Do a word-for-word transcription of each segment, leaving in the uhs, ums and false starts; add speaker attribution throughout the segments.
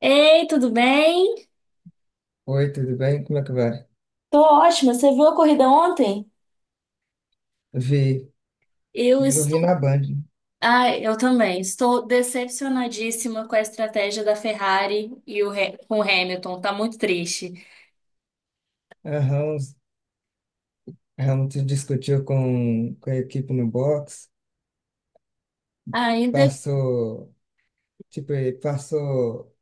Speaker 1: Ei, tudo bem?
Speaker 2: Oi, tudo bem? Como é que vai?
Speaker 1: Tô ótima. Você viu a corrida ontem?
Speaker 2: Vi,
Speaker 1: Eu
Speaker 2: eu vi
Speaker 1: estou.
Speaker 2: na Band.
Speaker 1: Ah, eu também. Estou decepcionadíssima com a estratégia da Ferrari e o He- com o Hamilton. Tá muito triste.
Speaker 2: A Ramos, a Ramos discutiu com, com a equipe no box,
Speaker 1: Ainda
Speaker 2: passou, tipo, ele passou,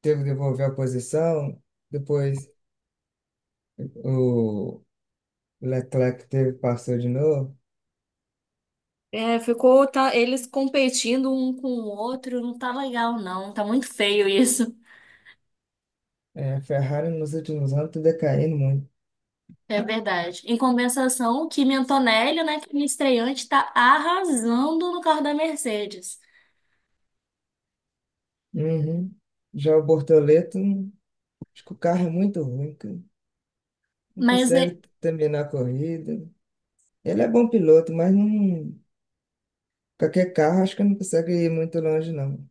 Speaker 2: teve que devolver a posição, depois o Leclerc teve, passou de novo.
Speaker 1: é, ficou tá, eles competindo um com o outro. Não tá legal, não. Tá muito feio isso.
Speaker 2: É, a Ferrari nos últimos anos está decaindo muito.
Speaker 1: É verdade. Em compensação, o Kimi Antonelli, né, que é minha estreante, tá arrasando no carro da Mercedes.
Speaker 2: Uhum. Já o Bortoleto, acho que o carro é muito ruim, cara. Não
Speaker 1: Mas é,
Speaker 2: consegue terminar a corrida. Ele é bom piloto, mas não. Qualquer carro, acho que não consegue ir muito longe, não.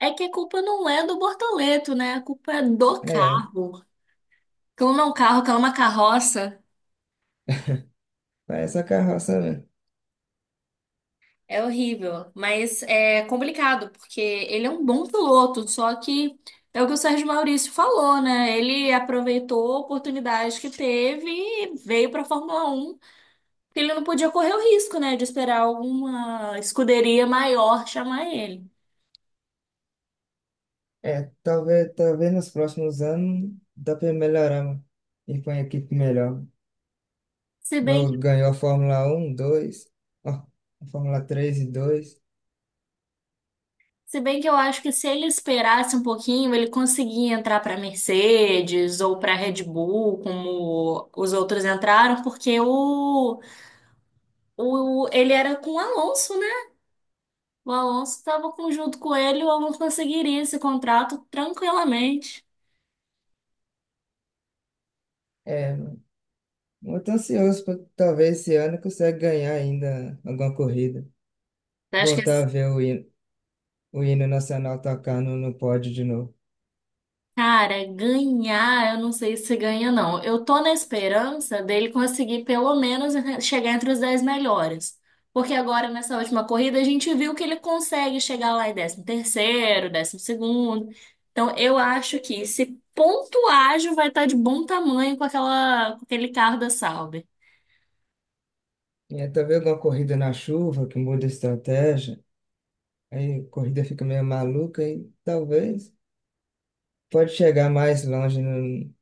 Speaker 1: é que a culpa não é do Bortoleto, né? A culpa é do
Speaker 2: É,
Speaker 1: carro. Clona um carro, clona uma carroça.
Speaker 2: parece a carroça mesmo.
Speaker 1: É horrível, mas é complicado, porque ele é um bom piloto, só que é o que o Sérgio Maurício falou, né? Ele aproveitou a oportunidade que teve e veio para a Fórmula Um, porque ele não podia correr o risco, né, de esperar alguma escuderia maior chamar ele.
Speaker 2: É, talvez, talvez nos próximos anos dá para melhorar, mano. E com a equipe melhor.
Speaker 1: Se bem,
Speaker 2: Igual ganhou a Fórmula Um, dois, ó, a Fórmula Três e dois.
Speaker 1: se bem que eu acho que se ele esperasse um pouquinho, ele conseguia entrar para Mercedes ou para Red Bull, como os outros entraram, porque o O, ele era com o Alonso, né? O Alonso estava junto com ele, o Alonso conseguiria esse contrato tranquilamente.
Speaker 2: É, mano, eu ansioso pra talvez esse ano consegue ganhar ainda alguma corrida.
Speaker 1: Eu acho que
Speaker 2: Voltar a
Speaker 1: esse
Speaker 2: ver o hino, o hino nacional tocar no, no pódio de novo.
Speaker 1: cara, ganhar, eu não sei se ganha, não. Eu tô na esperança dele conseguir pelo menos chegar entre os dez melhores. Porque agora, nessa última corrida, a gente viu que ele consegue chegar lá em décimo terceiro, décimo segundo. Então, eu acho que esse ponto vai estar de bom tamanho com aquela, com aquele carro da Sauber.
Speaker 2: E aí, talvez alguma corrida na chuva que muda a estratégia. Aí a corrida fica meio maluca e talvez pode chegar mais longe no-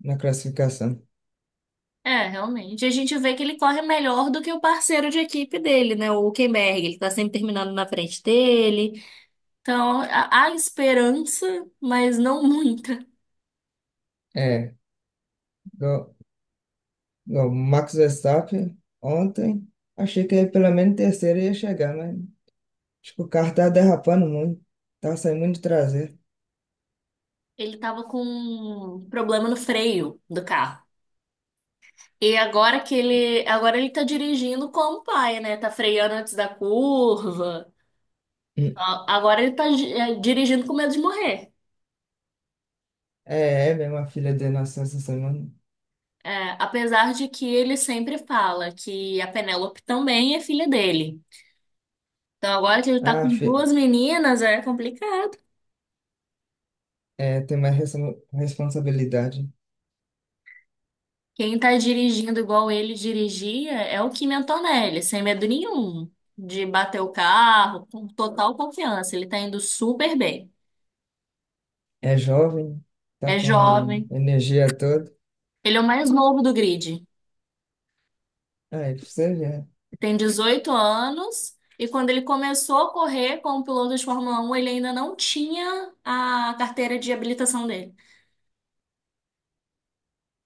Speaker 2: na classificação.
Speaker 1: É, realmente. A gente vê que ele corre melhor do que o parceiro de equipe dele, né? O Hülkenberg. Ele tá sempre terminando na frente dele. Então, há há esperança, mas não muita.
Speaker 2: É, igual, igual o Max Verstappen ontem, achei que ele pelo menos terceiro ia chegar, mas acho que o carro tá derrapando muito, tá saindo muito de traseiro.
Speaker 1: Ele tava com um problema no freio do carro. E agora que ele, agora ele tá dirigindo como pai, né? Tá freando antes da curva.
Speaker 2: Hum.
Speaker 1: A- Agora ele tá gi- eh, dirigindo com medo de morrer.
Speaker 2: É, é mesmo a filha dele nasceu essa semana.
Speaker 1: É, apesar de que ele sempre fala que a Penélope também é filha dele. Então, agora que ele tá com
Speaker 2: Ah, fi-
Speaker 1: duas meninas, é complicado.
Speaker 2: é, tem mais respo- responsabilidade.
Speaker 1: Quem tá dirigindo igual ele dirigia é o Kim Antonelli, sem medo nenhum de bater o carro, com total confiança. Ele tá indo super bem.
Speaker 2: É jovem, tá
Speaker 1: É
Speaker 2: com
Speaker 1: jovem.
Speaker 2: energia toda.
Speaker 1: Ele é o mais novo do grid.
Speaker 2: Aí, pra você ver.
Speaker 1: Tem dezoito anos. E quando ele começou a correr como piloto de Fórmula um, ele ainda não tinha a carteira de habilitação dele.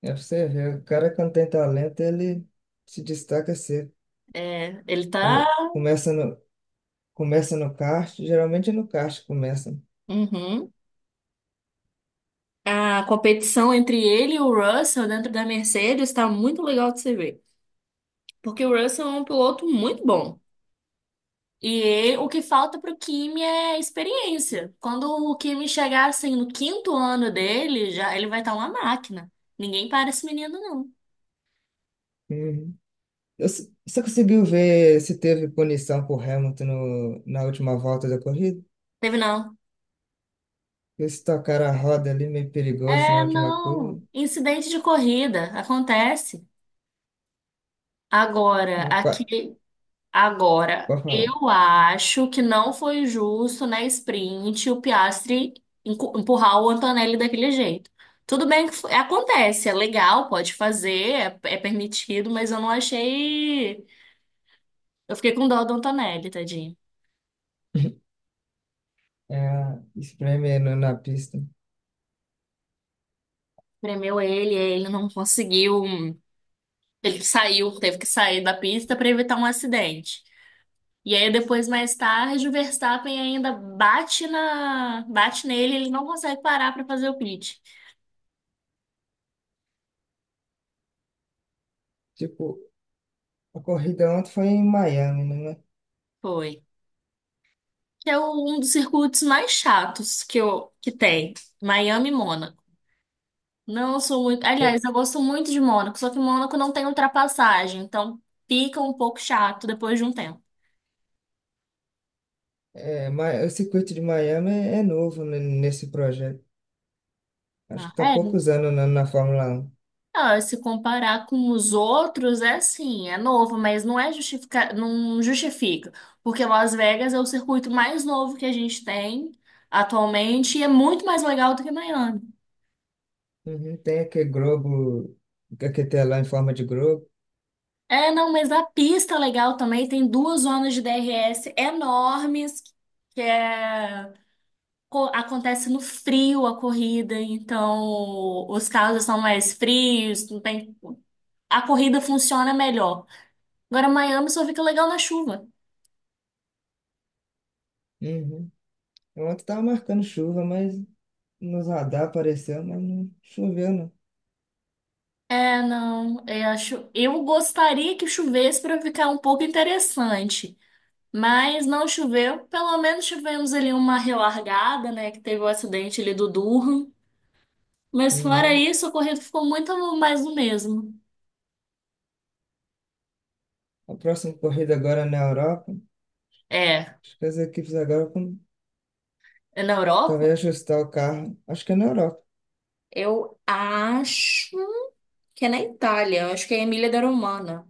Speaker 2: É pra você ver, o cara quando tem talento, ele se destaca cedo.
Speaker 1: É, ele tá.
Speaker 2: Come- começa no, começa no kart, geralmente é no kart que começa.
Speaker 1: Uhum. A competição entre ele e o Russell dentro da Mercedes está muito legal de se ver. Porque o Russell é um piloto muito bom. E ele- o que falta para o Kimi é experiência. Quando o Kimi chegar assim no quinto ano dele, já ele vai estar uma máquina. Ninguém para esse menino, não.
Speaker 2: Uhum. Eu s- Você conseguiu ver se teve punição por Hamilton no, na última volta da corrida?
Speaker 1: Teve não.
Speaker 2: Eles tocaram a roda ali, meio perigoso na
Speaker 1: É,
Speaker 2: última curva.
Speaker 1: não. Incidente de corrida acontece. Agora,
Speaker 2: Mas qua-
Speaker 1: aqui. Agora,
Speaker 2: pode falar.
Speaker 1: eu acho que não foi justo na sprint o Piastri encu- empurrar o Antonelli daquele jeito. Tudo bem que foi- Acontece, é legal, pode fazer, é, é permitido, mas eu não achei. Eu fiquei com dó do Antonelli, tadinho.
Speaker 2: É, espreme no na pista.
Speaker 1: Premeu ele, ele não conseguiu. Ele saiu, teve que sair da pista para evitar um acidente. E aí depois, mais tarde, o Verstappen ainda bate na, bate nele, ele não consegue parar para fazer o pit.
Speaker 2: Tipo, a corrida ontem foi em Miami, né?
Speaker 1: Foi. Que é o- um dos circuitos mais chatos que, eu, que tem. Miami e Mônaco. Não sou muito. Aliás,
Speaker 2: É,
Speaker 1: eu gosto muito de Mônaco, só que Mônaco não tem ultrapassagem, então fica um pouco chato depois de um tempo.
Speaker 2: é, Ma- o circuito de Miami é, é novo ne- nesse projeto. Acho
Speaker 1: Ah,
Speaker 2: que está
Speaker 1: é.
Speaker 2: poucos anos na, na Fórmula um.
Speaker 1: Ah, se comparar com os outros, é assim, é novo, mas não é justifica, não justifica, porque Las Vegas é o circuito mais novo que a gente tem atualmente e é muito mais legal do que Miami.
Speaker 2: Uhum. Tem aquele globo, aquele telão em forma de globo.
Speaker 1: É, não, mas a pista é legal, também tem duas zonas de D R S enormes, que é, co- acontece no frio a corrida, então os carros são mais frios, não tem, a corrida funciona melhor. Agora, Miami só fica legal na chuva.
Speaker 2: Uhum. Ontem estava marcando chuva, mas nos radar apareceu, mas não choveu, não.
Speaker 1: É, não, eu acho, eu gostaria que chovesse para ficar um pouco interessante, mas não choveu, pelo menos tivemos ali uma relargada, né, que teve o acidente ali do Durham. Mas fora
Speaker 2: Uhum.
Speaker 1: isso, o corrido ficou muito mais do mesmo.
Speaker 2: A próxima corrida agora é na Europa.
Speaker 1: É.
Speaker 2: Acho que as equipes agora vão
Speaker 1: É na Europa?
Speaker 2: talvez ajustar o carro. Acho que é na Europa.
Speaker 1: Eu acho que é na Itália, eu acho que é Emília da Romana.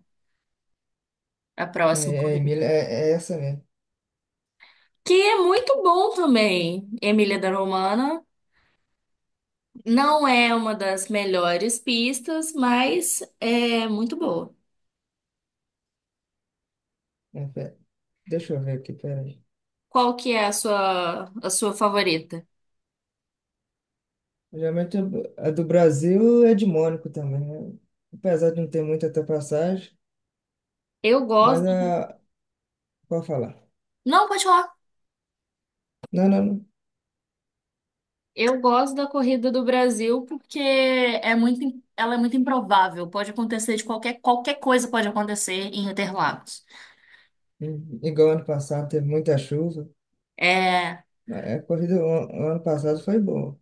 Speaker 1: A
Speaker 2: É,
Speaker 1: próxima
Speaker 2: é, é, Emília-
Speaker 1: corrida.
Speaker 2: é, é essa mesmo.
Speaker 1: Que é muito bom também, Emília da Romana. Não é uma das melhores pistas, mas é muito boa.
Speaker 2: É, pe- deixa eu ver aqui, peraí.
Speaker 1: Qual que é a sua, a sua favorita?
Speaker 2: Geralmente a do Brasil é de Mônaco também, né? Apesar de não ter muita ultrapassagem,
Speaker 1: Eu
Speaker 2: mas
Speaker 1: gosto.
Speaker 2: a, pode falar.
Speaker 1: Não, pode falar.
Speaker 2: Não, não, não.
Speaker 1: Eu gosto da corrida do Brasil porque é muito, im- ela é muito improvável. Pode acontecer de qualquer, qualquer coisa pode acontecer em Interlagos.
Speaker 2: Hum. Igual ano passado teve muita chuva.
Speaker 1: É,
Speaker 2: A corrida o o ano passado foi boa.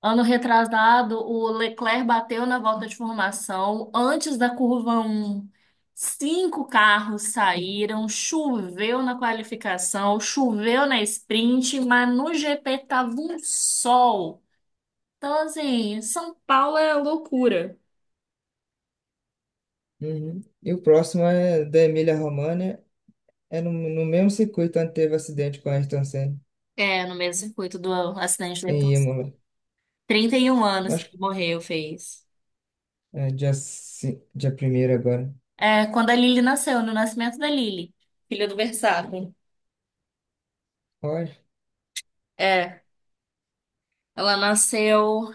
Speaker 1: ano retrasado, o Leclerc bateu na volta de formação antes da curva um. Cinco carros saíram, choveu na qualificação, choveu na sprint, mas no G P tava um sol. Então, assim, São Paulo é loucura.
Speaker 2: Uhum. E o próximo é da Emília-Romagna. É no, no mesmo circuito onde teve acidente com a Ayrton Senna,
Speaker 1: É, no mesmo circuito do acidente do,
Speaker 2: em Imola.
Speaker 1: trinta e um anos
Speaker 2: Acho
Speaker 1: que
Speaker 2: que
Speaker 1: ele morreu, fez.
Speaker 2: é dia, ci- dia primeiro agora.
Speaker 1: É, quando a Lily nasceu, no nascimento da Lily, filha do Verstappen.
Speaker 2: Olha,
Speaker 1: É, ela nasceu.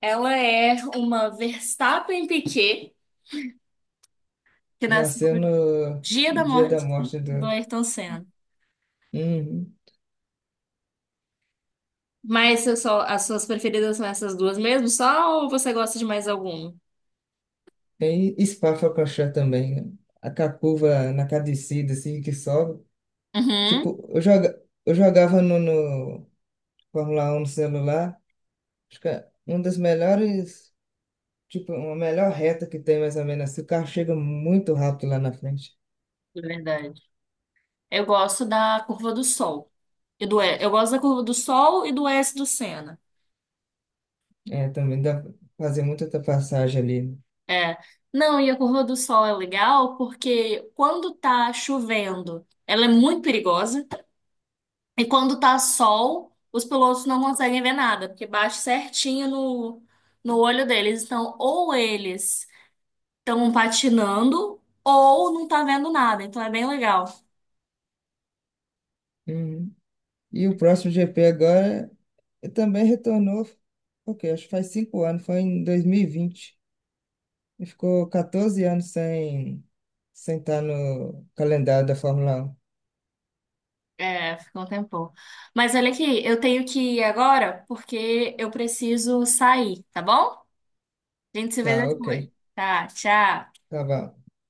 Speaker 1: Ela é uma Verstappen Piquet, que nasceu
Speaker 2: nasceu
Speaker 1: no
Speaker 2: no
Speaker 1: dia da
Speaker 2: dia da
Speaker 1: morte
Speaker 2: morte
Speaker 1: do
Speaker 2: do.
Speaker 1: Ayrton Senna.
Speaker 2: Uhum.
Speaker 1: Mas eu só, as suas preferidas são essas duas mesmo, só, ou você gosta de mais alguma?
Speaker 2: E Spa-Francorchamps também, né? A com a curva na cada descida, assim, que sobe.
Speaker 1: Uhum,
Speaker 2: Tipo, eu joga, eu jogava no, no Fórmula um no celular. Acho que é uma das melhores, tipo, uma melhor reta que tem, mais ou menos assim. O carro chega muito rápido lá na frente.
Speaker 1: é verdade. Eu gosto da Curva do Sol. E do, E- eu gosto da Curva do Sol e do S do Senna.
Speaker 2: É, também dá pra fazer muita ultrapassagem ali, né?
Speaker 1: É. Não, e a Curva do Sol é legal porque quando tá chovendo, ela é muito perigosa. E quando tá sol, os pilotos não conseguem ver nada, porque bate certinho no, no olho deles. Então, ou eles estão patinando, ou não tá vendo nada. Então, é bem legal.
Speaker 2: Uhum. E o próximo G P agora eh, também retornou, ok, acho que faz cinco anos, foi em dois mil e vinte e ficou catorze anos sem, sem estar no calendário da Fórmula um.
Speaker 1: É, ficou um tempão. Mas olha aqui, eu tenho que ir agora porque eu preciso sair, tá bom? A gente se vê
Speaker 2: Tá, ok.
Speaker 1: depois. Tá, tchau.
Speaker 2: Tá bom.